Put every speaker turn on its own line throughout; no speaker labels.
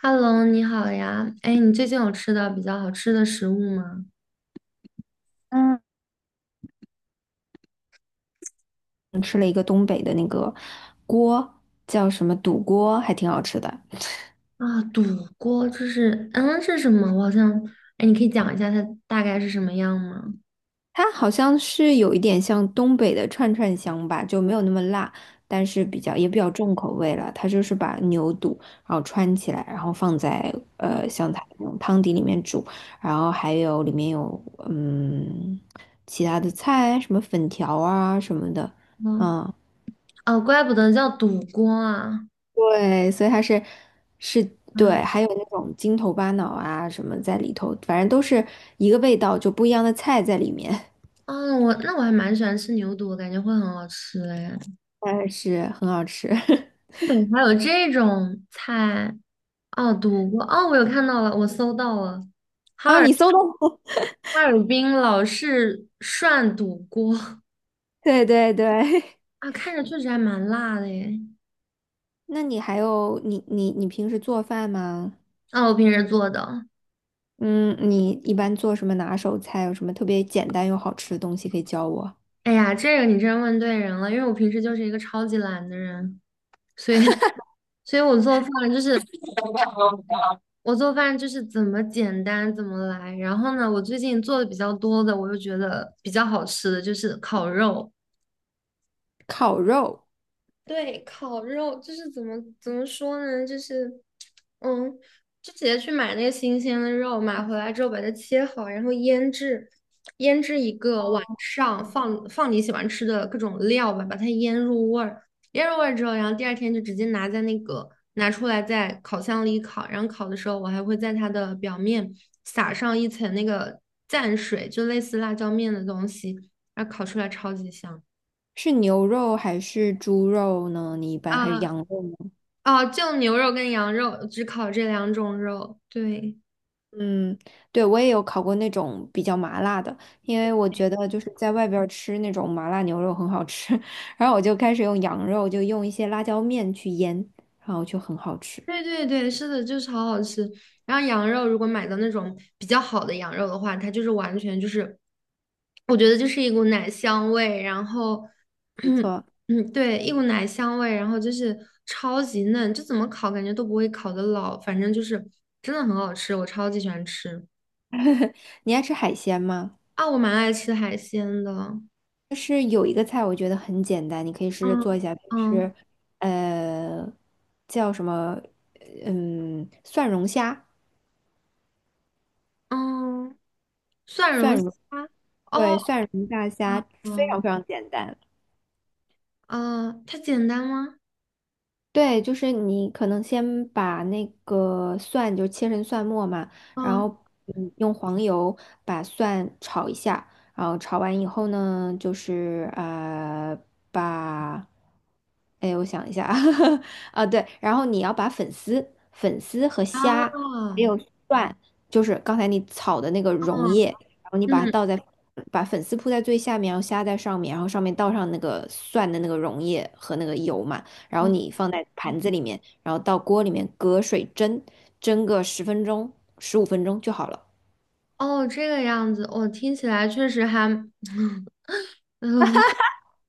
Hello，你好呀。哎，你最近有吃到比较好吃的食物吗？
嗯，吃了一个东北的那个锅，叫什么肚锅，还挺好吃的。
啊，肚锅这是，嗯，是什么？我好像，哎，你可以讲一下它大概是什么样吗？
它好像是有一点像东北的串串香吧，就没有那么辣，但是比较也比较重口味了。它就是把牛肚然后穿起来，然后放在
嗯
像它那种汤底里面煮，然后还有里面有嗯其他的菜，什么粉条啊什么的，
嗯，
嗯。
哦，怪不得叫肚锅啊。
对，所以它是是
嗯，
对，还有那种筋头巴脑啊什么在里头，反正都是一个味道，就不一样的菜在里面，
哦，我那我还蛮喜欢吃牛肚，我感觉会很好吃哎。
但是很好吃。
东北还有这种菜哦，肚锅哦，我有看到了，我搜到了，哈
啊，
尔
你搜的，
哈尔滨老式涮肚锅
对对对。
啊，看着确实还蛮辣的耶。
那你还有你平时做饭吗？
啊，我平时做的。
嗯，你一般做什么拿手菜？有什么特别简单又好吃的东西可以教我？
哎呀，这个你真问对人了，因为我平时就是一个超级懒的人，所以，所以我做饭就是怎么简单怎么来。然后呢，我最近做的比较多的，我又觉得比较好吃的就是烤肉。
烤肉
对，烤肉就是怎么说呢？就是，嗯，就直接去买那个新鲜的肉，买回来之后把它切好，然后腌制，腌制一个晚上，放你喜欢吃的各种料吧，把它腌入味儿，腌入味儿之后，然后第二天就直接拿在那个拿出来在烤箱里烤，然后烤的时候我还会在它的表面撒上一层那个蘸水，就类似辣椒面的东西，然后烤出来超级香
是牛肉还是猪肉呢？你一般还是
啊！
羊肉？
哦，就牛肉跟羊肉，只烤这两种肉。对，
嗯，对，我也有烤过那种比较麻辣的，因为我觉得就是在外边儿吃那种麻辣牛肉很好吃，然后我就开始用羊肉，就用一些辣椒面去腌，然后就很好吃。
对对对，是的，就超好吃。然后羊肉如果买到那种比较好的羊肉的话，它就是完全就是，我觉得就是一股奶香味，然后，
没错，
嗯，对，一股奶香味，然后就是超级嫩，就怎么烤感觉都不会烤得老，反正就是真的很好吃，我超级喜欢吃。
你爱吃海鲜吗？
啊，我蛮爱吃海鲜的。
就是有一个菜我觉得很简单，你可以试着做一
嗯
下，就
嗯
是呃叫什么蒜蓉虾，
嗯，蒜
蒜
蓉虾。
蓉对
哦，
蒜蓉大
啊
虾非常
哦
非常简单。
哦，它简单吗？
对，就是你可能先把那个蒜就切成蒜末嘛，然后
嗯
用黄油把蒜炒一下，然后炒完以后呢，就是把，哎我想一下啊，啊对，然后你要把粉丝和虾还
哦
有蒜，就是刚才你炒的那个溶
哦
液，然后你把它
嗯
倒在把粉丝铺在最下面，然后虾在上面，然后上面倒上那个蒜的那个溶液和那个油嘛。然后
嗯
你放在盘子里面，然后到锅里面隔水蒸，蒸个10分钟、15分钟就好了。
哦，这个样子，我、听起来确实还，嗯，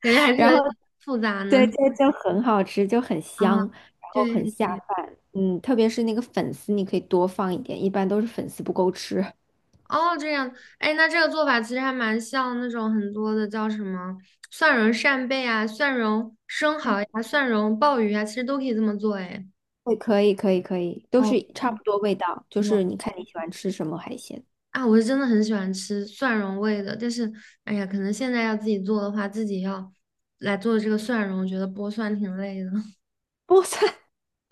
感觉还是有
然后
点 复杂
对，
呢。
就很好吃，就很
啊，
香，然后
对
很
对
下
对，
饭。嗯，特别是那个粉丝，你可以多放一点，一般都是粉丝不够吃。
哦，这样，哎，那这个做法其实还蛮像那种很多的叫什么蒜蓉扇贝啊、蒜蓉生
哎，
蚝呀、蒜蓉鲍鱼啊，其实都可以这么做，哎。
对，可以，可以，可以，都
哦，
是差不多味道，就
不
是
错
你看你喜欢吃什么海鲜。
啊，我是真的很喜欢吃蒜蓉味的，但是，哎呀，可能现在要自己做的话，自己要来做这个蒜蓉，我觉得剥蒜挺累的。
剥蒜，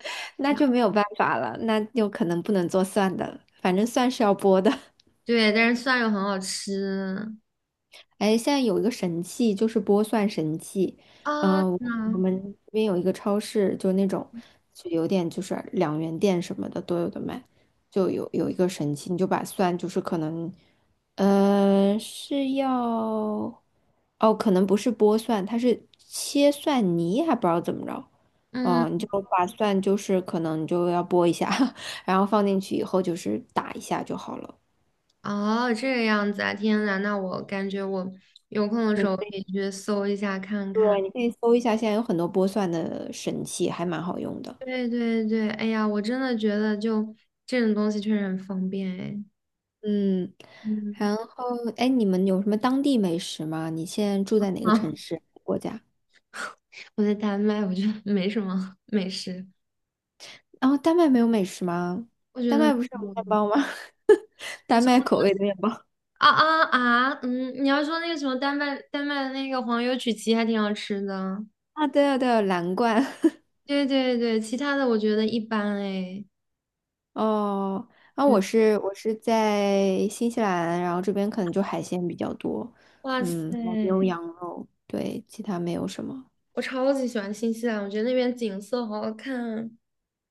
那就没 有办法了，那就可能不能做蒜的了反正蒜是要剥的。
对，但是蒜又很好吃
哎，现在有一个神器，就是剥蒜神器。
啊，
嗯、我
那
我们这边有一个超市，就那种就有点就是两元店什么的都有的卖，就有一个神器，你就把蒜就是可能，是要哦，可能不是剥蒜，它是切蒜泥，还不知道怎么着。
嗯，
哦，你就把蒜就是可能你就要剥一下，然后放进去以后就是打一下就好了。
哦，这个样子啊，天呐，那我感觉我有空的时
你。
候可以去搜一下看看。
对，你可以搜一下，现在有很多剥蒜的神器，还蛮好用的。
对对对，哎呀，我真的觉得就这种东西确实很方便哎。
嗯，
嗯，
然后哎，你们有什么当地美食吗？你现在住在 哪个
啊，
城市、国家？
我在丹麦，我觉得没什么 美食，
然后丹麦没有美食吗？
我觉
丹
得
麦不是有
没有。
面包吗？丹麦口味的面包
啊啊啊！嗯，你要说那个什么丹麦的那个黄油曲奇还挺好吃的，
啊，对啊，对啊，蓝罐。
对对对，其他的我觉得一般哎。
哦，然
对，
我是在新西兰，然后这边可能就海鲜比较多，
哇
嗯，还有牛
塞，
羊肉，对，其他没有什么。
我超级喜欢新西兰，我觉得那边景色好好看。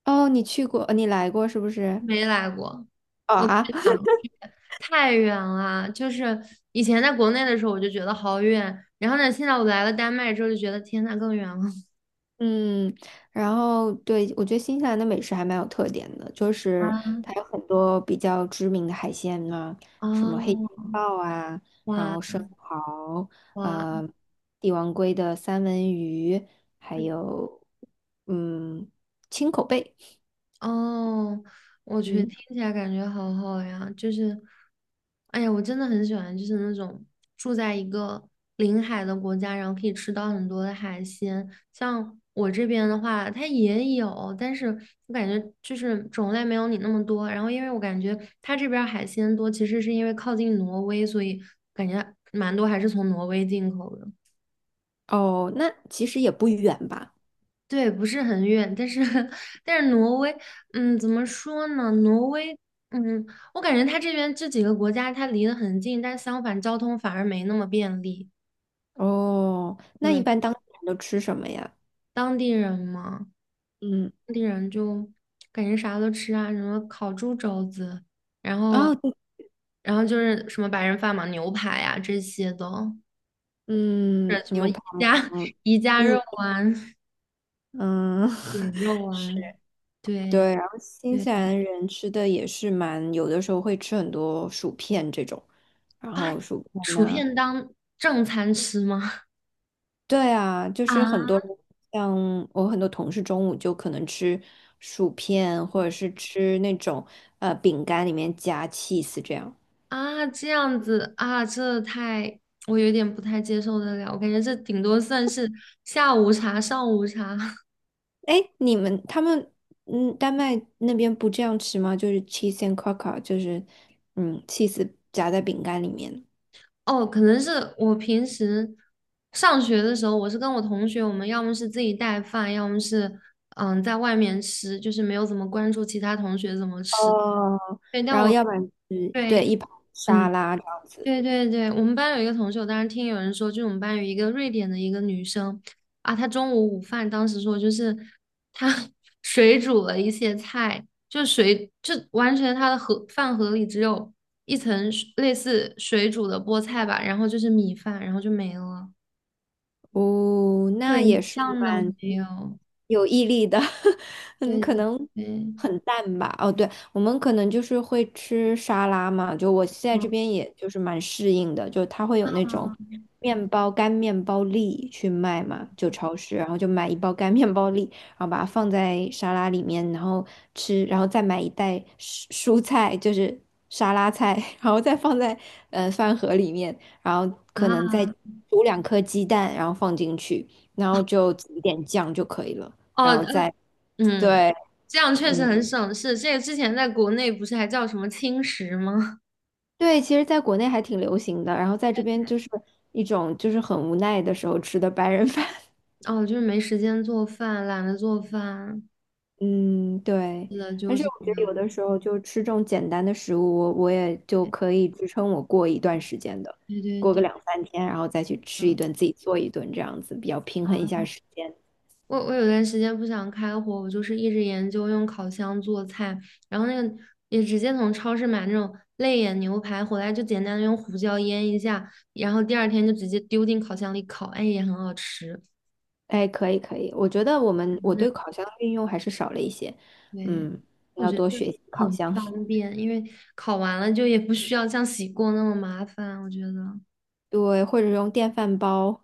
哦，你去过，你来过是不是？
没来过，
哦
我太
啊，
想，太远了。就是以前在国内的时候，我就觉得好远，然后呢，现在我来了丹麦之后，就觉得天呐，更远了。
嗯，然后对，我觉得新西兰的美食还蛮有特点的，就是
啊，
它有很多比较知名的海鲜啊，什么黑金
哦，
鲍啊，然
哇
后生蚝，
哇！
呃，帝王鲑的三文鱼，还有嗯青口贝，
哦，我去，
嗯，
听起来感觉好好呀，就是，哎呀，我真的很喜欢，就是那种住在一个临海的国家，然后可以吃到很多的海鲜。像我这边的话，它也有，但是我感觉就是种类没有你那么多。然后，因为我感觉它这边儿海鲜多，其实是因为靠近挪威，所以感觉蛮多还是从挪威进口的。
哦，那其实也不远吧？
对，不是很远，但是 但是挪威，嗯，怎么说呢？挪威，嗯，我感觉它这边这几个国家它离得很近，但相反交通反而没那么便利。
哦，那一
对，
般当地人都吃什么呀？
当地人嘛，
嗯，
当地人就感觉啥都吃啊，什么烤猪肘子，然后
啊，对
然后就是什么白人饭嘛，牛排呀这些的，
嗯，
呃，什么
牛
宜
排，然
家
后
宜家肉
嗯。
丸、
嗯，
饼肉丸，对
对，然后新
对
西兰人吃的也是蛮，有的时候会吃很多薯片这种，然
啊，
后薯片
薯
呐、
片当正餐吃吗？
对啊，就
啊
是很多像我很多同事中午就可能吃薯片，或者是吃那种饼干里面夹 cheese 这样。
啊，这样子啊，这太，我有点不太接受得了。我感觉这顶多算是下午茶、上午茶。
哎，你们他们丹麦那边不这样吃吗？就是 cheese and c r o c k e r 就是cheese 夹在饼干里面。
哦，可能是我平时上学的时候，我是跟我同学，我们要么是自己带饭，要么是在外面吃，就是没有怎么关注其他同学怎么吃。
哦，
对，但
然后
我
要不然就是
对，
对一盘沙
嗯。
拉这样子。
对对对，我们班有一个同学，我当时听有人说，就是我们班有一个瑞典的一个女生啊，她中午午饭当时说就是她 水煮了一些菜，就水就完全她的盒饭盒里只有一层水类似水煮的菠菜吧，然后就是米饭，然后就没了，
哦，那
对，
也
一
是
样都
蛮
没有。
有毅力的，嗯，
对
可
对
能
对，
很淡吧。哦，对，我们可能就是会吃沙拉嘛，就我现在这
嗯
边也就是蛮适应的，就它会有那种面包干面包粒去卖嘛，就超市，然后就买一包干面包粒，然后把它放在沙拉里面，然后吃，然后再买一袋蔬菜，就是沙拉菜，然后再放在饭盒里面。然后可能
啊
再煮2颗鸡蛋，然后放进去，然后就挤一点酱就可以了，
哦
然后再
嗯，
对，
这样确实
嗯，
很省事。这个之前在国内不是还叫什么轻食吗？
对，其实在国内还挺流行的，然后在这边就是一种就是很无奈的时候吃的白人饭，
哦，就是没时间做饭，懒得做饭，
嗯，对。
是的，
但
就
是
是
我
这
觉得有的
样。
时候就吃这种简单的食物，我也就可以支撑我过一段时间的，
对对
过个
对，
2、3天，然后再去吃一
嗯，
顿，自己做一顿，这样子比较平衡一下时间。
我有段时间不想开火，我就是一直研究用烤箱做菜，然后那个也直接从超市买那种肋眼牛排回来，就简单的用胡椒腌一下，然后第二天就直接丢进烤箱里烤，哎，也很好吃。
哎，可以可以，我觉得我
那
对烤箱的运用还是少了一些，
对，
嗯，
我
要
觉得
多
就
学习烤
很
箱，
方便，因为烤完了就也不需要像洗锅那么麻烦，我觉得。
对，或者用电饭煲。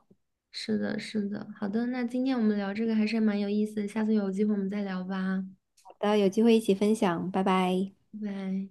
是的，是的。好的，那今天我们聊这个还是蛮有意思的，下次有机会我们再聊吧，
好的，有机会一起分享，拜拜。
拜拜。